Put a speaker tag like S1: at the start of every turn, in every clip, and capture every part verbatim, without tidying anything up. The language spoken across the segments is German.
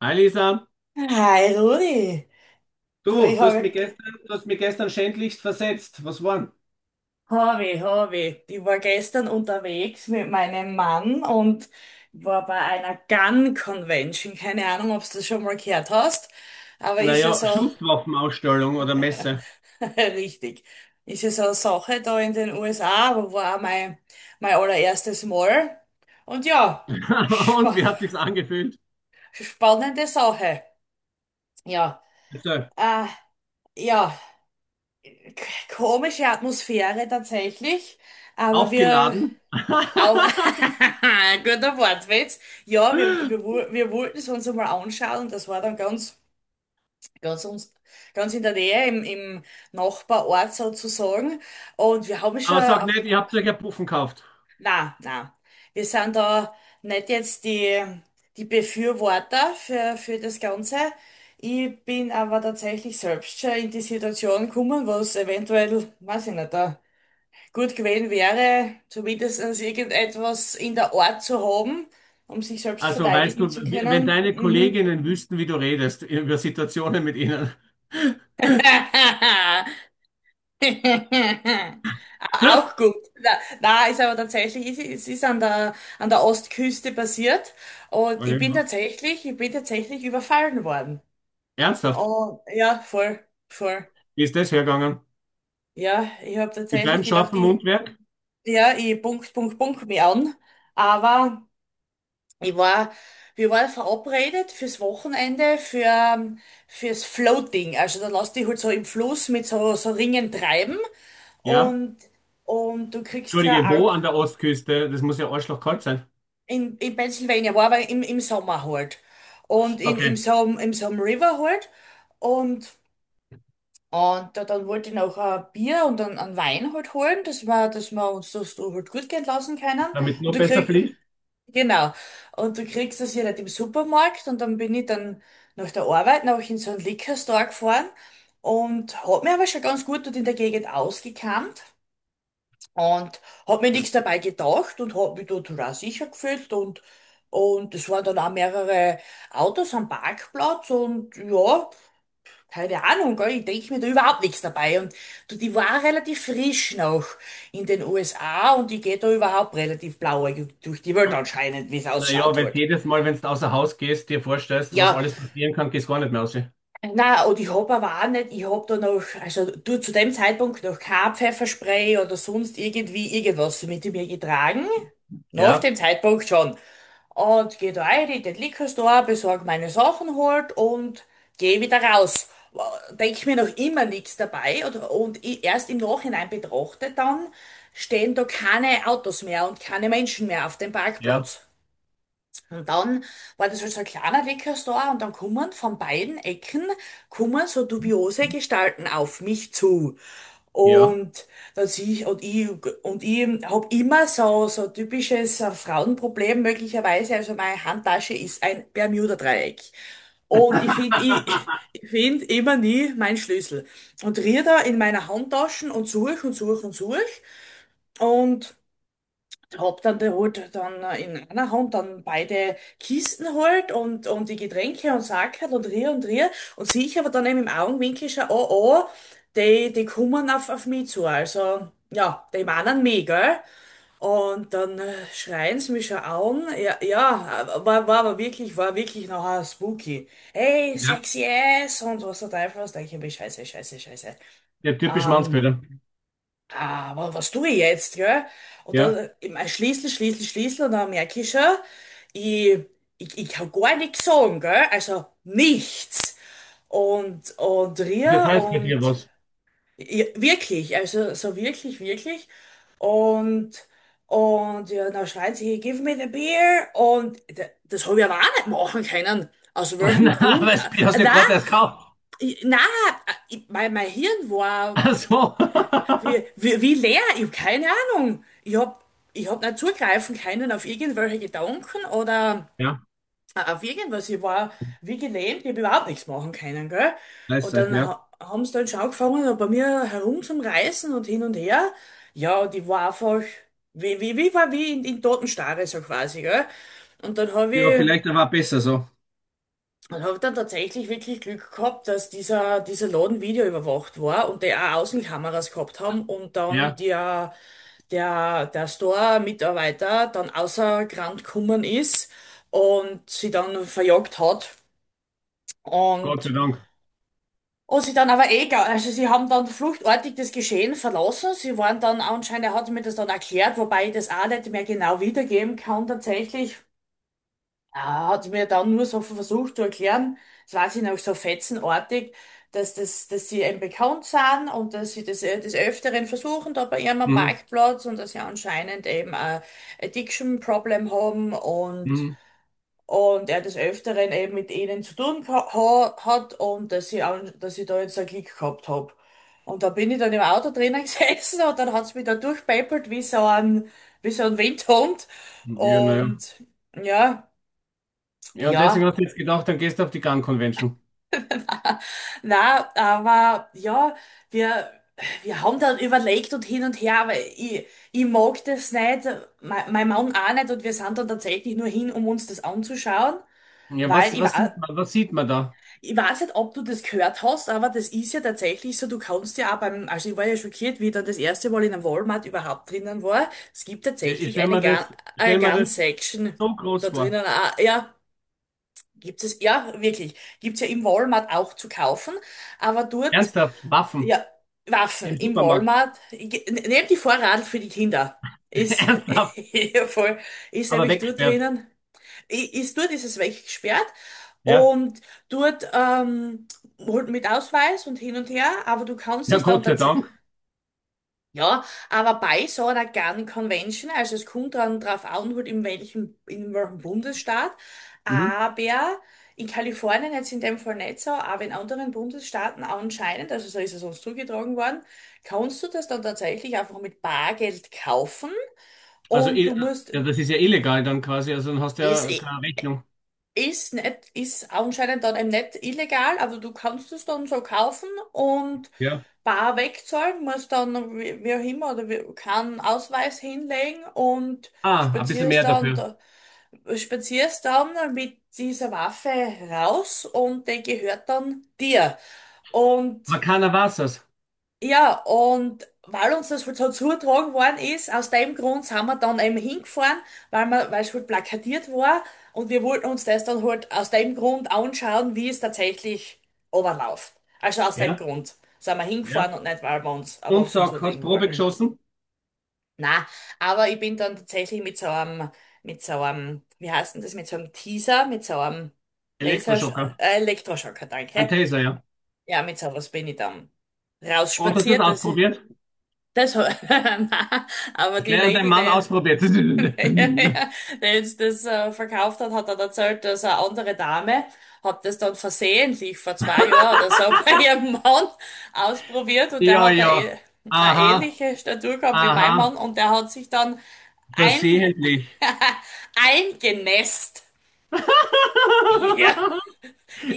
S1: Hi Lisa,
S2: Hi Rudi, du,
S1: du,
S2: ich
S1: du hast mich
S2: habe
S1: gestern, du hast mich gestern schändlichst versetzt. Was waren?
S2: Hobby, Hobby. Ich war gestern unterwegs mit meinem Mann und war bei einer Gun Convention. Keine Ahnung, ob du das schon mal gehört hast, aber ist ja
S1: Naja,
S2: so
S1: Schusswaffenausstellung oder Messe.
S2: richtig. Ist ja so eine Sache da in den U S A, aber war auch mein, mein allererstes Mal. Und ja,
S1: Und
S2: spa
S1: wie hat sich's angefühlt?
S2: spannende Sache. Ja,
S1: Also,
S2: äh, ja, k- komische Atmosphäre tatsächlich, aber wir
S1: aufgeladen.
S2: Auf, guter Wortwitz. Ja, wir, wir, wo- wir wollten es uns einmal anschauen. Das war dann ganz, ganz, uns, ganz in der Nähe, im, im Nachbarort sozusagen. Und wir haben schon,
S1: Aber sag
S2: auf,
S1: nicht, ihr habt euch ja Puffen gekauft.
S2: na, na, wir sind da nicht jetzt die, die Befürworter für, für das Ganze. Ich bin aber tatsächlich selbst schon in die Situation gekommen, was eventuell, weiß ich nicht, da gut gewesen wäre, zumindest irgendetwas in der Art zu haben, um sich selbst
S1: Also weißt
S2: verteidigen
S1: du,
S2: zu
S1: wie- wenn
S2: können.
S1: deine
S2: Mhm.
S1: Kolleginnen wüssten, wie du redest, über Situationen mit ihnen.
S2: Auch gut. Na, na, ist aber tatsächlich, es ist, ist an der, an der Ostküste passiert und
S1: Oh,
S2: ich bin
S1: irgendwas.
S2: tatsächlich, ich bin tatsächlich überfallen worden.
S1: Ernsthaft?
S2: Oh, ja, voll, voll.
S1: Wie ist das hergegangen?
S2: Ja, ich habe
S1: Mit
S2: tatsächlich
S1: deinem
S2: gedacht,
S1: scharfen
S2: ich,
S1: Mundwerk?
S2: ja, ich Punkt, Punkt, Punkt mich an, aber ich war, wir waren verabredet fürs Wochenende für, ähm, fürs Floating. Also dann lass dich halt so im Fluss mit so, so Ringen treiben
S1: Ja.
S2: und, und du kriegst ja
S1: Entschuldige, wo
S2: Alk
S1: an der Ostküste? Das muss ja arschlochkalt sein.
S2: in, in Pennsylvania, war aber im, im Sommer halt. Und in, in
S1: Okay.
S2: so, einem- in so einem River halt. Und, und da, dann wollte ich noch ein Bier und dann einen Wein halt holen, dass wir, dass wir uns das so halt gut gehen lassen können.
S1: Damit es
S2: Und
S1: noch
S2: du
S1: besser
S2: krieg,
S1: fließt?
S2: Genau. Und du kriegst das ja nicht im Supermarkt und dann bin ich dann nach der Arbeit noch in so einen Liquor Store gefahren und hab mir aber schon ganz gut dort in der Gegend ausgekannt und hab mir nichts dabei gedacht und hab mich dort auch sicher gefühlt und und es waren dann auch mehrere Autos am Parkplatz und ja, keine Ahnung, gell, ich denke mir da überhaupt nichts dabei. Und du, die war relativ frisch noch in den U S A und die geht da überhaupt relativ blauäugig durch die Welt anscheinend, wie es
S1: Naja,
S2: ausschaut
S1: weil
S2: halt.
S1: jedes Mal, wenn du außer Haus gehst, dir vorstellst, was
S2: Ja,
S1: alles passieren kann, gehst gar nicht mehr raus.
S2: na und ich hab aber auch nicht, ich hab da noch, also du zu dem Zeitpunkt noch kein Pfefferspray oder sonst irgendwie irgendwas mit mir getragen. Nach
S1: Ja,
S2: dem Zeitpunkt schon. Und geh da rein in den Liquor Store, besorg meine Sachen halt und geh wieder raus. Denk mir noch immer nichts dabei oder, und i- erst im Nachhinein betrachte dann, stehen da keine Autos mehr und keine Menschen mehr auf dem
S1: ja,
S2: Parkplatz. Und dann war das halt so ein kleiner Weckerstar und dann kommen von beiden Ecken kommen so dubiose Gestalten auf mich zu.
S1: ja.
S2: Und dann sehe ich, und ich, und ich habe immer so, so typisches äh, Frauenproblem möglicherweise. Also meine Handtasche ist ein Bermuda-Dreieck. Und ich finde, ich, ich finde immer nie meinen Schlüssel. Und rier da in meiner Handtasche und suche und suche und suche. Und hab dann da halt dann in einer Hand dann beide Kisten halt und, und die Getränke und Sackerl und rier und rier und sehe ich aber dann eben im Augenwinkel schon, oh, oh, die, die kommen auf, auf mich zu, also, ja, die meinen mich, gell? Und dann äh, schreien sie mich schon an, ja, ja, war, war aber wirklich, war wirklich nachher spooky. Hey,
S1: Ja,
S2: sexy ass und was der Teufel was, denke ich mir, scheiße, scheiße, scheiße.
S1: ja, typisch
S2: Ähm,
S1: Mannsbilder.
S2: Ah, wa- was tue ich jetzt, gell?
S1: Ja,
S2: Oder ich mein, schließe, schließe, schließe und dann merke ich schon, ich, ich, ich kann gar nichts sagen, gell? Also nichts. Und, und
S1: das
S2: Ria
S1: heißt bei
S2: und
S1: dir was.
S2: ja, wirklich, also so wirklich, wirklich. Und, und ja, dann schreien sie, "Hey, give me the beer." Und d- das habe ich aber auch nicht machen können. Aus welchem
S1: Na,
S2: Grund?
S1: weißt du, die hast du ja
S2: Na,
S1: gerade erst gekauft.
S2: na, mein, mein Hirn war.
S1: Ach so.
S2: Wie, wie, wie leer? Ich habe keine Ahnung. Ich hab ich hab nicht zugreifen können auf irgendwelche Gedanken oder
S1: Ja,
S2: äh, auf irgendwas. Ich war wie gelähmt, ich habe überhaupt nichts machen können, gell? Und
S1: scheiße,
S2: dann
S1: ja.
S2: ha haben sie dann schon angefangen, bei mir herum zum Reißen und hin und her. Ja, die war einfach, wie, wie, wie war wie in, in Totenstarre so quasi, gell? Und dann habe
S1: Ja,
S2: ich
S1: vielleicht aber auch besser so.
S2: und habe dann tatsächlich wirklich Glück gehabt, dass dieser, dieser Laden videoüberwacht war und die auch Außenkameras gehabt haben und dann
S1: Ja,
S2: der, der, der Store-Mitarbeiter dann außer Rand gekommen ist und sie dann verjagt hat.
S1: Gott sei
S2: Und,
S1: Dank.
S2: und sie dann aber egal, also sie haben dann fluchtartig das Geschehen verlassen. Sie waren dann anscheinend, er hat mir das dann erklärt, wobei ich das auch nicht mehr genau wiedergeben kann tatsächlich. Ja, hat mir dann nur so versucht zu erklären, das weiß ich noch so fetzenartig, dass das, dass sie eben bekannt sind und dass sie das äh, des Öfteren versuchen, da bei ihrem am
S1: Mhm,
S2: Parkplatz und dass sie anscheinend eben ein Addiction-Problem haben und,
S1: mhm.
S2: und er des Öfteren eben mit ihnen zu tun geha- ha hat und dass ich, an- dass ich da jetzt einen Klick gehabt hab. Und da bin ich dann im Auto drinnen gesessen und dann hat's mich da durchpäppelt wie so ein, wie so ein Windhund
S1: Ja, naja. Ja,
S2: und ja,
S1: ja, und deswegen
S2: ja.
S1: hast du jetzt gedacht, dann gehst du auf die Gun Convention.
S2: Na, aber ja, wir, wir haben dann überlegt und hin und her, aber ich, ich mag das nicht, mein, mein Mann auch nicht und wir sind dann tatsächlich nur hin, um uns das anzuschauen,
S1: Ja,
S2: weil
S1: was,
S2: ich
S1: was
S2: war,
S1: sieht man, was sieht man da?
S2: ich weiß nicht, ob du das gehört hast, aber das ist ja tatsächlich so, du kannst ja auch beim, also ich war ja schockiert, wie ich dann das erste Mal in einem Walmart überhaupt drinnen war. Es gibt
S1: Ja, ich
S2: tatsächlich
S1: stelle
S2: eine
S1: mir
S2: Gun,
S1: das, ich
S2: eine
S1: stell mir
S2: Gun
S1: das
S2: Section
S1: so groß
S2: da
S1: vor.
S2: drinnen, auch. Ja, gibt es, ja, wirklich, gibt's ja im Walmart auch zu kaufen. Aber dort
S1: Ernsthaft, Waffen
S2: ja, Waffen
S1: im
S2: im
S1: Supermarkt.
S2: Walmart. Ge- Nehmt die Vorrat für die Kinder. Ist
S1: Ernsthaft,
S2: ja, voll, ist
S1: aber
S2: nämlich dort
S1: weggesperrt.
S2: drinnen. I- Ist dort ist es weggesperrt
S1: Ja,
S2: und dort ähm, holt mit Ausweis und hin und her, aber du kannst
S1: ja,
S2: das dann
S1: Gott sei
S2: tats
S1: Dank.
S2: ja, aber bei so einer Gun Convention, also es kommt dann drauf an, halt in welchem, in welchem Bundesstaat,
S1: Mhm.
S2: aber in Kalifornien jetzt in dem Fall nicht so, aber in anderen Bundesstaaten anscheinend, also so ist es uns zugetragen worden, kannst du das dann tatsächlich einfach mit Bargeld kaufen
S1: Also,
S2: und
S1: i-
S2: du musst,
S1: ja, das ist ja illegal dann quasi, also dann hast du
S2: ist,
S1: ja
S2: eh
S1: keine Rechnung.
S2: ist nicht, ist anscheinend dann eben nicht illegal, aber du kannst es dann so kaufen und
S1: Ja.
S2: bar wegzahlen, musst dann wie, wie auch immer oder wie, keinen Ausweis hinlegen und
S1: Ah, ein bisschen
S2: spazierst
S1: mehr
S2: dann,
S1: dafür.
S2: da- spazierst dann mit dieser Waffe raus und die gehört dann dir.
S1: Aber
S2: Und
S1: keiner weiß es.
S2: ja, und weil uns das halt so zugetragen worden ist, aus dem Grund sind wir dann eben hingefahren, weil wir, weil es halt plakatiert war und wir wollten uns das dann halt aus dem Grund anschauen, wie es tatsächlich runterläuft. Also aus dem
S1: Ja,
S2: Grund sind wir
S1: ja.
S2: hingefahren und nicht, weil wir uns eine
S1: Und
S2: Waffen
S1: sag, hast
S2: zulegen
S1: Probe
S2: wollten.
S1: geschossen?
S2: Na, aber ich bin dann tatsächlich mit so einem, mit so einem, wie heißt denn das, mit so einem Teaser, mit so einem Laser,
S1: Elektroschocker.
S2: äh, Elektroschocker,
S1: Ein
S2: danke.
S1: Taser, ja.
S2: Ja, mit sowas bin ich dann
S1: Und hast du das
S2: rausspaziert. Das
S1: ausprobiert?
S2: das, ho- nein, aber die
S1: Gleich an deinem
S2: Lady,
S1: Mann
S2: die,
S1: ausprobiert.
S2: die uns das äh, verkauft hat, hat dann erzählt, dass eine andere Dame hat das dann versehentlich vor zwei Jahren oder so bei ihrem Mann ausprobiert und der
S1: Ja,
S2: hat eine,
S1: ja.
S2: äh- eine
S1: Aha,
S2: ähnliche Statur gehabt wie mein Mann
S1: aha.
S2: und der hat sich dann ein,
S1: Versehentlich.
S2: eingenässt. Ja.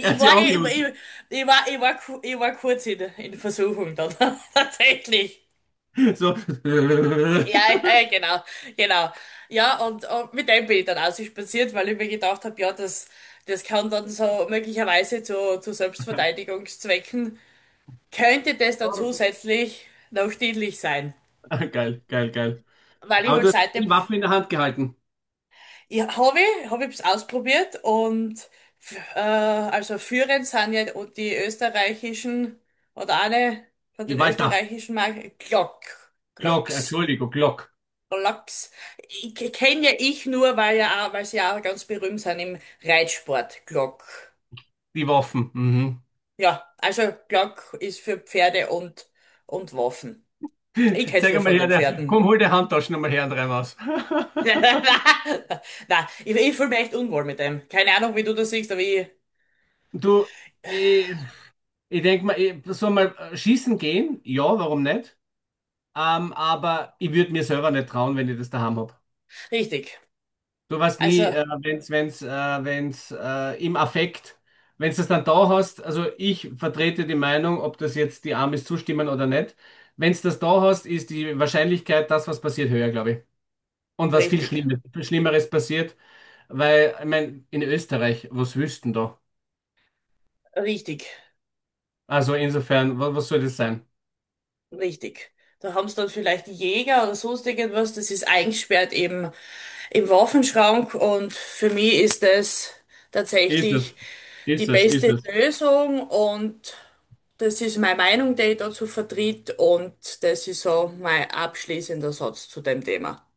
S1: Er hat sie
S2: war, ich, ich,
S1: angelogen.
S2: ich war, ich war, ku- ich war kurz in, in Versuchung dann, tatsächlich.
S1: So.
S2: Ja, ja, ja, genau, genau. Ja, und, und mit dem bin ich dann auch so spaziert, weil ich mir gedacht habe, ja, das, das kann dann so möglicherweise zu, zu Selbstverteidigungszwecken, könnte das dann zusätzlich noch dienlich sein.
S1: Geil, geil, geil.
S2: Weil ich
S1: Aber
S2: halt
S1: du hast die
S2: seitdem,
S1: Waffen in der Hand gehalten.
S2: ja, habe ich, habe ich es ausprobiert und f- äh, also führend sind ja die österreichischen, oder eine von
S1: Die
S2: den
S1: Walter.
S2: österreichischen Marken, Glock,
S1: Glock,
S2: Glocks.
S1: Entschuldigung, Glock.
S2: Lachs kenne ja ich nur, weil ja, auch- weil sie ja auch ganz berühmt sind im Reitsport, Glock.
S1: Die Waffen. Mhm.
S2: Ja, also Glock ist für Pferde und, und Waffen. Ich kenn's
S1: Zeig
S2: nur
S1: mal
S2: von
S1: her,
S2: den
S1: der, komm,
S2: Pferden.
S1: hol die Handtaschen nochmal her und rein raus.
S2: Na, ich, ich fühle mich echt unwohl mit dem. Keine Ahnung, wie du das siehst, aber ich.
S1: Du, ich, ich denke mal, ich soll mal äh, schießen gehen. Ja, warum nicht? Ähm, aber ich würde mir selber nicht trauen, wenn ich das daheim habe.
S2: Richtig.
S1: Sowas nie,
S2: Also,
S1: äh, wenn's, wenn's, äh, wenn's äh, im Affekt, wenn's das dann da hast, also ich vertrete die Meinung, ob das jetzt die Amis zustimmen oder nicht, wenn's das da hast, ist die Wahrscheinlichkeit, dass was passiert, höher, glaube ich. Und was viel
S2: richtig.
S1: Schlimmes, Schlimmeres passiert, weil, ich meine, in Österreich, was wüssten da?
S2: Richtig.
S1: Also insofern, was, was soll das sein?
S2: Richtig. Da haben sie dann vielleicht Jäger oder sonst irgendwas, das ist eingesperrt im, im Waffenschrank und für mich ist das
S1: Ist es,
S2: tatsächlich die
S1: ist es, ist
S2: beste
S1: es.
S2: Lösung und das ist meine Meinung, die ich dazu vertrete und das ist so mein abschließender Satz zu dem Thema.